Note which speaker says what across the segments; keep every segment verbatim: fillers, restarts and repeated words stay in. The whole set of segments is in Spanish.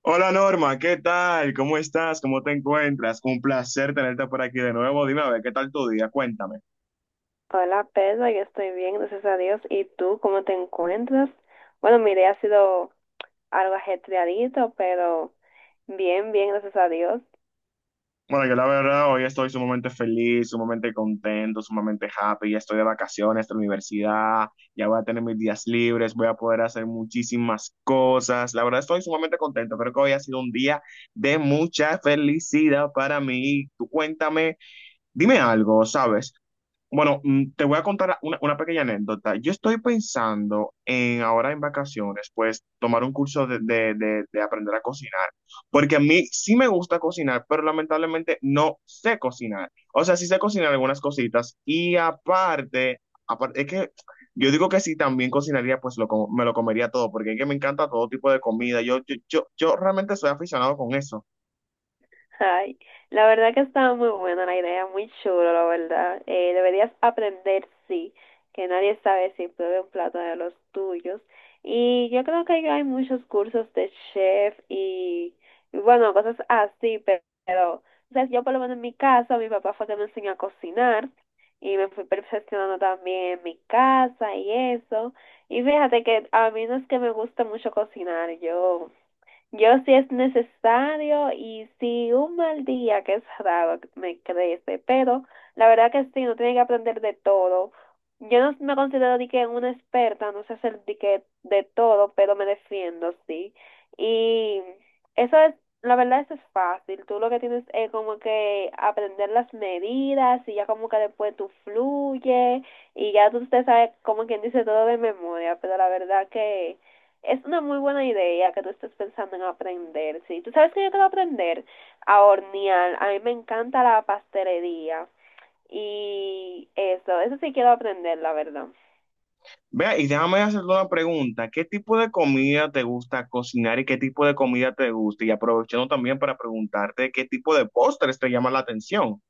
Speaker 1: Hola Norma, ¿qué tal? ¿Cómo estás? ¿Cómo te encuentras? Un placer tenerte por aquí de nuevo. Dime a ver, ¿qué tal tu día? Cuéntame.
Speaker 2: Hola Pedro, yo estoy bien, gracias a Dios. ¿Y tú cómo te encuentras? Bueno, mi día ha sido algo ajetreadito, pero bien, bien, gracias a Dios.
Speaker 1: Bueno, yo la verdad hoy estoy sumamente feliz, sumamente contento, sumamente happy. Ya estoy de vacaciones de la universidad, ya voy a tener mis días libres, voy a poder hacer muchísimas cosas. La verdad estoy sumamente contento. Creo que hoy ha sido un día de mucha felicidad para mí. Tú cuéntame, dime algo, ¿sabes? Bueno, mm, te voy a contar una, una pequeña anécdota. Yo estoy pensando en ahora en vacaciones, pues tomar un curso de, de- de- de aprender a cocinar, porque a mí sí me gusta cocinar, pero lamentablemente no sé cocinar. O sea, sí sé cocinar algunas cositas y aparte, aparte es que yo digo que si también cocinaría, pues lo, com- me lo comería todo, porque es que me encanta todo tipo de comida. Yo, yo, yo, yo realmente soy aficionado con eso.
Speaker 2: Ay, la verdad que estaba muy buena la idea, muy chulo, la verdad. Eh, deberías aprender, sí, que nadie sabe si pruebe un plato de los tuyos. Y yo creo que ya hay muchos cursos de chef y, y bueno, cosas así, pe- pero, o sea, yo por lo menos en mi casa, mi papá fue que me enseñó a cocinar y me fui perfeccionando también en mi casa y eso. Y fíjate que a mí no es que me gusta mucho cocinar, yo... Yo sí es necesario y si un mal día, que es raro, me crece, pero la verdad que sí, uno tiene que aprender de todo. Yo no me considero de que una experta, no sé hacer de que de todo, pero me defiendo, sí. Y eso es, la verdad, eso es fácil. Tú lo que tienes es como que aprender las medidas y ya como que después tú fluye y ya tú te sabes como quien dice todo de memoria, pero la verdad que es una muy buena idea que tú estés pensando en aprender, sí. Tú sabes que yo quiero aprender a hornear. A mí me encanta la pastelería y eso, eso sí quiero aprender, la verdad.
Speaker 1: Vea, y déjame hacerte una pregunta. ¿Qué tipo de comida te gusta cocinar y qué tipo de comida te gusta? Y aprovechando también para preguntarte qué tipo de postres te llama la atención.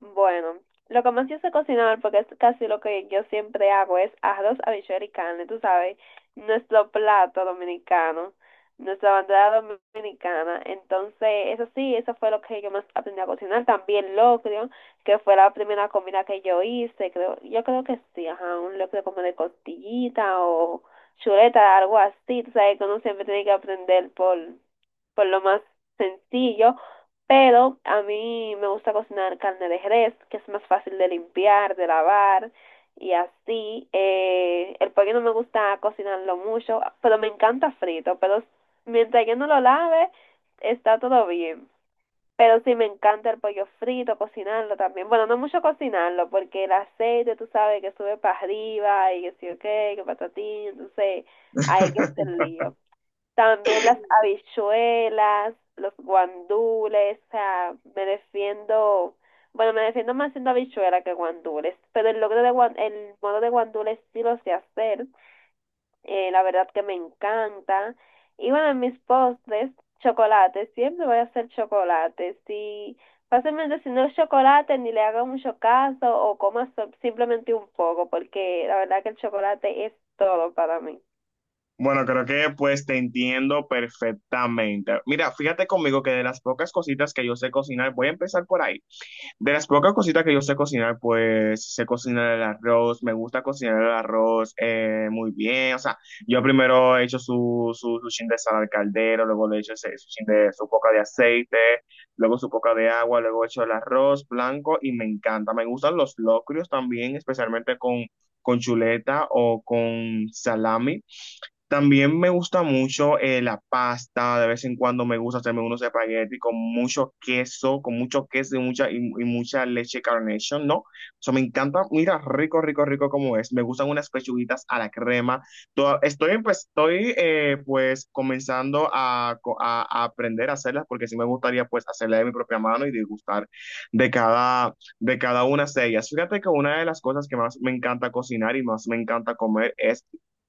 Speaker 2: Bueno, lo que más yo sé cocinar, porque es casi lo que yo siempre hago, es arroz, habichuela y carne, tú sabes, nuestro plato dominicano, nuestra bandera dominicana. Entonces, eso sí, eso fue lo que yo más aprendí a cocinar. También locrio, que fue la primera comida que yo hice, creo, yo creo que sí, ajá, un locrio como de costillita o chuleta, algo así, tú sabes, que uno siempre tiene que aprender por por lo más sencillo, pero a mí me gusta cocinar carne de res, que es más fácil de limpiar, de lavar y así. Eh, el pollo no me gusta cocinarlo mucho, pero me encanta frito, pero mientras que no lo lave, está todo bien. Pero sí me encanta el pollo frito, cocinarlo también. Bueno, no mucho cocinarlo, porque el aceite, tú sabes, que sube para arriba y que sí, ok, que patatín, entonces hay que hacer lío. También las habichuelas, los guandules, o sea, me defiendo, bueno, me defiendo más haciendo habichuela que guandules, pero el logro de guan- el modo de guandules sí lo sé hacer, eh, la verdad que me encanta. Y bueno, en mis postres, chocolate, siempre voy a hacer chocolate, si fácilmente si no es chocolate ni le haga mucho caso o coma so- simplemente un poco, porque la verdad que el chocolate es todo para mí.
Speaker 1: Bueno, creo que pues te entiendo perfectamente. Mira, fíjate conmigo que de las pocas cositas que yo sé cocinar, voy a empezar por ahí. De las pocas cositas que yo sé cocinar, pues sé cocinar el arroz, me gusta cocinar el arroz eh, muy bien. O sea, yo primero he hecho su, su, su chin de sal al caldero, luego le he hecho ese- su chin de, su poca de aceite, luego su poca de agua, luego he hecho el arroz blanco y me encanta. Me gustan los locrios también, especialmente con, con chuleta o con salami. También me gusta mucho eh, la pasta, de vez en cuando me gusta hacerme unos espaguetis con mucho queso, con mucho queso y mucha, y, y mucha leche Carnation, ¿no? O sea, me encanta, mira, rico, rico, rico como es. Me gustan unas pechuguitas a la crema. Toda- estoy, pues, estoy, eh, pues, comenzando a, co- a- a aprender a hacerlas porque sí me gustaría, pues, hacerlas de mi propia mano y disgustar de cada, de cada una de ellas. Fíjate que una de las cosas que más me encanta cocinar y más me encanta comer es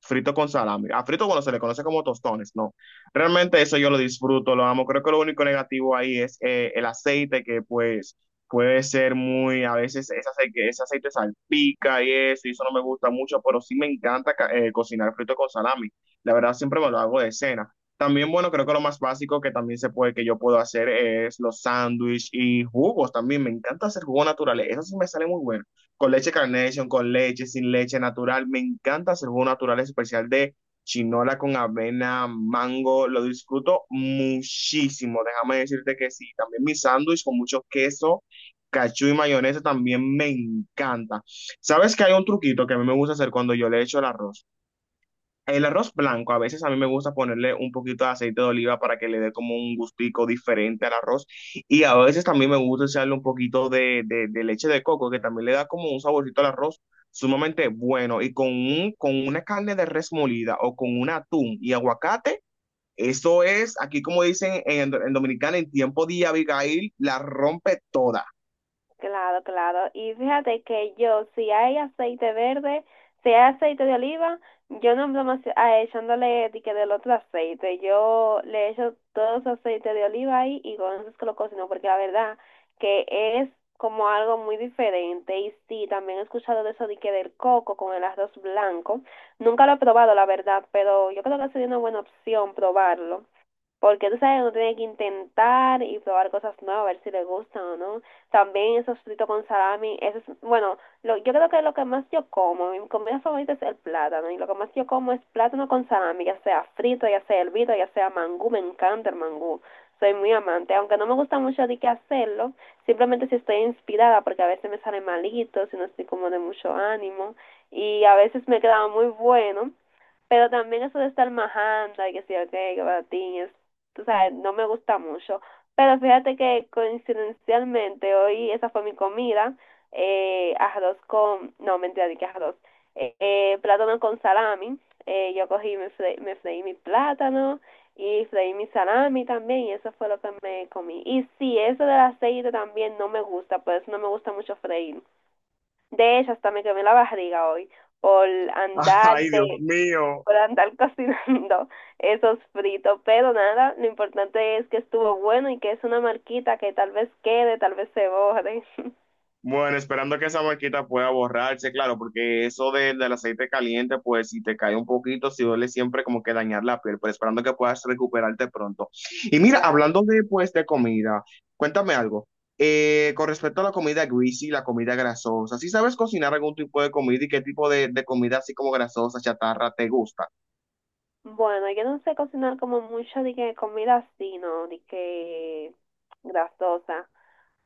Speaker 1: frito con salami. A frito cuando se le conoce como tostones, no. Realmente eso yo lo disfruto, lo amo. Creo que lo único negativo ahí es eh, el aceite que pues puede ser muy, a veces ese aceite, ese aceite salpica y eso, y eso no me gusta mucho, pero sí me encanta ca- eh, cocinar frito con salami. La verdad siempre me lo hago de cena. También, bueno, creo que lo más básico que también se puede, que yo puedo hacer es los sándwiches y jugos también. Me encanta hacer jugo naturales. Eso sí me sale muy bueno con leche Carnation, con leche, sin leche natural. Me encanta hacer jugo natural especial de chinola con avena, mango. Lo disfruto muchísimo. Déjame decirte que sí. También mi sándwich con mucho queso, cachú y mayonesa también me encanta. ¿Sabes que hay un truquito que a mí me gusta hacer cuando yo le echo el arroz? El arroz blanco, a veces a mí me gusta ponerle un poquito de aceite de oliva para que le dé como un gustico diferente al arroz. Y a veces también me gusta echarle un poquito de, de- de leche de coco, que también le da como un saborcito al arroz sumamente bueno. Y con un, con una carne de res molida o con un atún y aguacate, eso es, aquí como dicen en, en Dominicana, en tiempo de Abigail, la rompe toda.
Speaker 2: Claro, claro. Y fíjate que yo, si hay aceite verde, si hay aceite de oliva, yo no me echándole de que del otro aceite. Yo le echo todo ese aceite de oliva ahí y con eso es que lo cocino, porque la verdad que es como algo muy diferente. Y sí, también he escuchado de eso de que del coco con el arroz blanco. Nunca lo he probado, la verdad, pero yo creo que sería una buena opción probarlo. Porque tú sabes que uno tiene que intentar y probar cosas nuevas, a ver si le gustan o no. También esos fritos con salami, eso es, bueno, lo, yo creo que lo que más yo como, mi comida favorita es el plátano, y lo que más yo como es plátano con salami, ya sea frito, ya sea hervido, ya sea mangú, me encanta el mangú, soy muy amante, aunque no me gusta mucho de que hacerlo, simplemente si estoy inspirada, porque a veces me sale malito, si no estoy como de mucho ánimo, y a veces me queda muy bueno, pero también eso de estar majando y que sí, ok, que patín, es, tú sabes, no me gusta mucho. Pero fíjate que coincidencialmente hoy esa fue mi comida, eh, arroz con, no, mentira, ni que arroz, eh, eh, plátano con salami. Eh, yo cogí, me, fre- me freí mi plátano y freí mi salami también y eso fue lo que me comí. Y sí, eso del aceite también no me gusta, por eso no me gusta mucho freír. De hecho, hasta me quemé la barriga hoy por andar
Speaker 1: Ay, Dios
Speaker 2: de
Speaker 1: mío.
Speaker 2: por andar cocinando esos fritos. Pero nada, lo importante es que estuvo bueno y que es una marquita que tal vez quede, tal vez se borre.
Speaker 1: Bueno, esperando que esa marquita pueda borrarse, claro, porque eso de- del aceite caliente, pues si te cae un poquito, si duele siempre como que dañar la piel, pero esperando que puedas recuperarte pronto. Y mira,
Speaker 2: Claro.
Speaker 1: hablando de, pues, de comida, cuéntame algo. Eh, con respecto a la comida greasy, la comida grasosa, si sabes cocinar algún tipo de comida y qué tipo de, de comida así como grasosa, chatarra, ¿te gusta?
Speaker 2: Bueno, yo no sé cocinar como mucho de que comida así, ¿no? De que grasosa.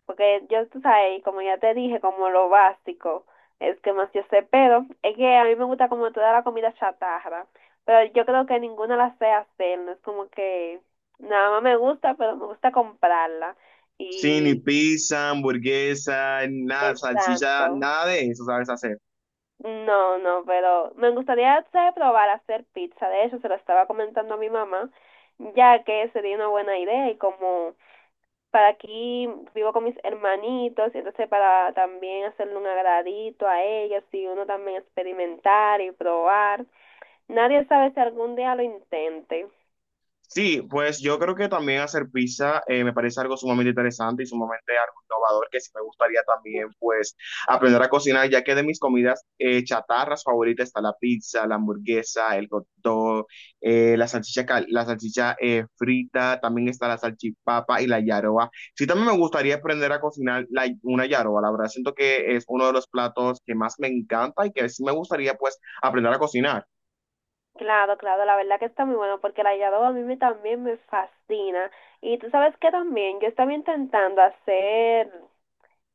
Speaker 2: Porque yo, tú sabes, como ya te dije, como lo básico es que más yo sé, pero es que a mí me gusta como toda la comida chatarra, pero yo creo que ninguna la sé hacer, no es como que nada más me gusta, pero me gusta comprarla
Speaker 1: Sí, ni
Speaker 2: y
Speaker 1: pizza, hamburguesa, nada, salchicha,
Speaker 2: exacto.
Speaker 1: nada de eso sabes hacer.
Speaker 2: No, no, pero me gustaría, ¿sabes?, probar a hacer pizza. De hecho, se lo estaba comentando a mi mamá, ya que sería una buena idea y como para aquí vivo con mis hermanitos, y entonces para también hacerle un agradito a ellos y uno también experimentar y probar. Nadie sabe si algún día lo intente.
Speaker 1: Sí, pues yo creo que también hacer pizza eh, me parece algo sumamente interesante y sumamente algo innovador que sí me gustaría también pues aprender a cocinar, ya que de mis comidas eh, chatarras favoritas está la pizza, la hamburguesa, el hot dog, eh, la salchicha, cal- la salchicha eh, frita, también está la salchipapa y la yaroa. Sí, también me gustaría aprender a cocinar la- una yaroa, la verdad siento que es uno de los platos que más me encanta y que sí me gustaría pues aprender a cocinar.
Speaker 2: Claro, claro, la verdad que está muy bueno porque el hallado a mí me- también me fascina. Y tú sabes que también yo estaba intentando hacer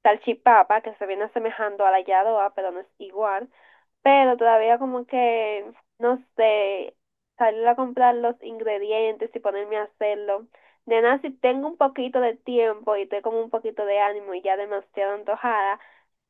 Speaker 2: salchipapa que se viene asemejando a la hallado, pero no es igual. Pero todavía como que, no sé, salir a comprar los ingredientes y ponerme a hacerlo. Nena, si tengo un poquito de tiempo y tengo como un poquito de ánimo y ya demasiado antojada,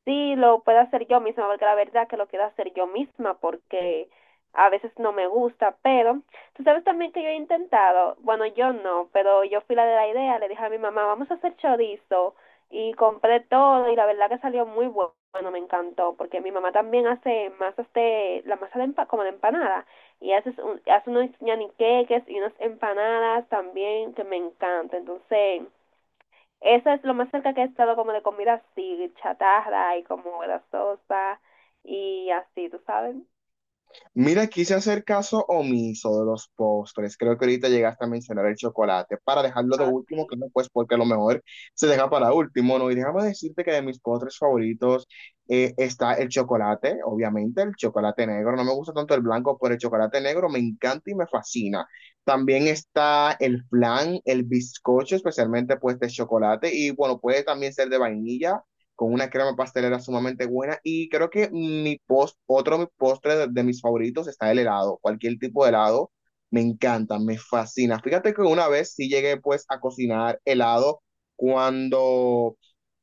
Speaker 2: sí, lo puedo hacer yo misma, porque la verdad que lo quiero hacer yo misma, porque a veces no me gusta, pero tú sabes también que yo he intentado, bueno, yo no, pero yo fui la de la idea, le dije a mi mamá, vamos a hacer chorizo, y compré todo, y la verdad que salió muy bu- bueno, me encantó, porque mi mamá también hace masas de, la masa de empa- como de empanada, y hace, un- hace unos ñaniqueques y unas empanadas también que me encanta, entonces... Eso es lo más cerca que he estado como de comida así, chatarra y como grasosa y así, ¿tú sabes?
Speaker 1: Mira, quise hacer caso omiso de los postres. Creo que ahorita llegaste a mencionar el chocolate para dejarlo de
Speaker 2: Ah,
Speaker 1: último,
Speaker 2: sí.
Speaker 1: claro, pues porque a lo mejor se deja para último, ¿no? Y déjame decirte que de mis postres favoritos eh, está el chocolate, obviamente, el chocolate negro. No me gusta tanto el blanco, pero el chocolate negro me encanta y me fascina. También está el flan, el bizcocho, especialmente pues de chocolate. Y bueno, puede también ser de vainilla con una crema pastelera sumamente buena y creo que mi post, otro mi postre de, de mis favoritos está el helado, cualquier tipo de helado, me encanta, me fascina. Fíjate que una vez sí llegué pues a cocinar helado cuando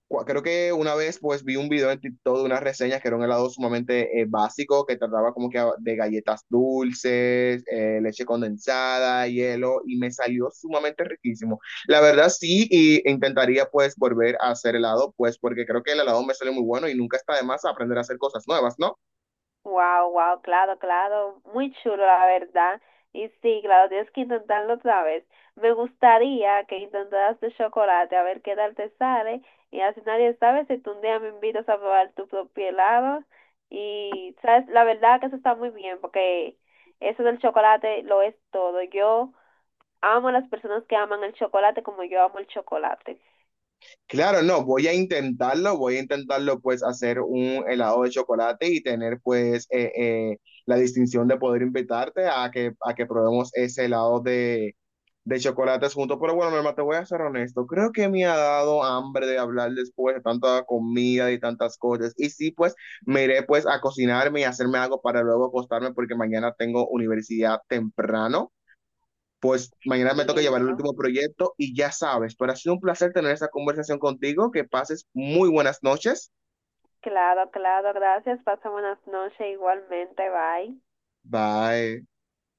Speaker 1: cua- creo que una vez pues vi un video en TikTok de unas reseñas que era un helado sumamente eh, básico que trataba como que a- de galletas dulces, eh, leche condensada, hielo y me salió sumamente riquísimo. La verdad sí y intentaría pues volver a hacer helado pues porque creo que el helado me sale muy bueno y nunca está de más aprender a hacer cosas nuevas, ¿no?
Speaker 2: Wow, wow, claro, claro. Muy chulo, la verdad. Y sí, claro, tienes que intentarlo otra vez. Me gustaría que intentaras de chocolate, a ver qué tal te sale. Y así nadie sabe si tú un día me invitas a probar tu propio helado. Y, ¿sabes? La verdad que eso está muy bien, porque eso del chocolate lo es todo. Yo amo a las personas que aman el chocolate como yo amo el chocolate.
Speaker 1: Claro, no, voy a intentarlo, voy a intentarlo pues hacer un helado de chocolate y tener pues eh, eh, la distinción de poder invitarte a que, a que probemos ese helado de, de chocolates juntos. Pero bueno, mi hermano, te voy a ser honesto, creo que me ha dado hambre de hablar después de tanta comida y tantas cosas. Y sí, pues me iré pues a cocinarme y hacerme algo para luego acostarme porque mañana tengo universidad temprano, pues mañana me toca llevar el
Speaker 2: Entiendo.
Speaker 1: último proyecto y ya sabes, pero ha sido un placer tener esta conversación contigo. Que pases muy buenas noches.
Speaker 2: Claro, claro, gracias. Pasa buenas noches igualmente. Bye.
Speaker 1: Bye.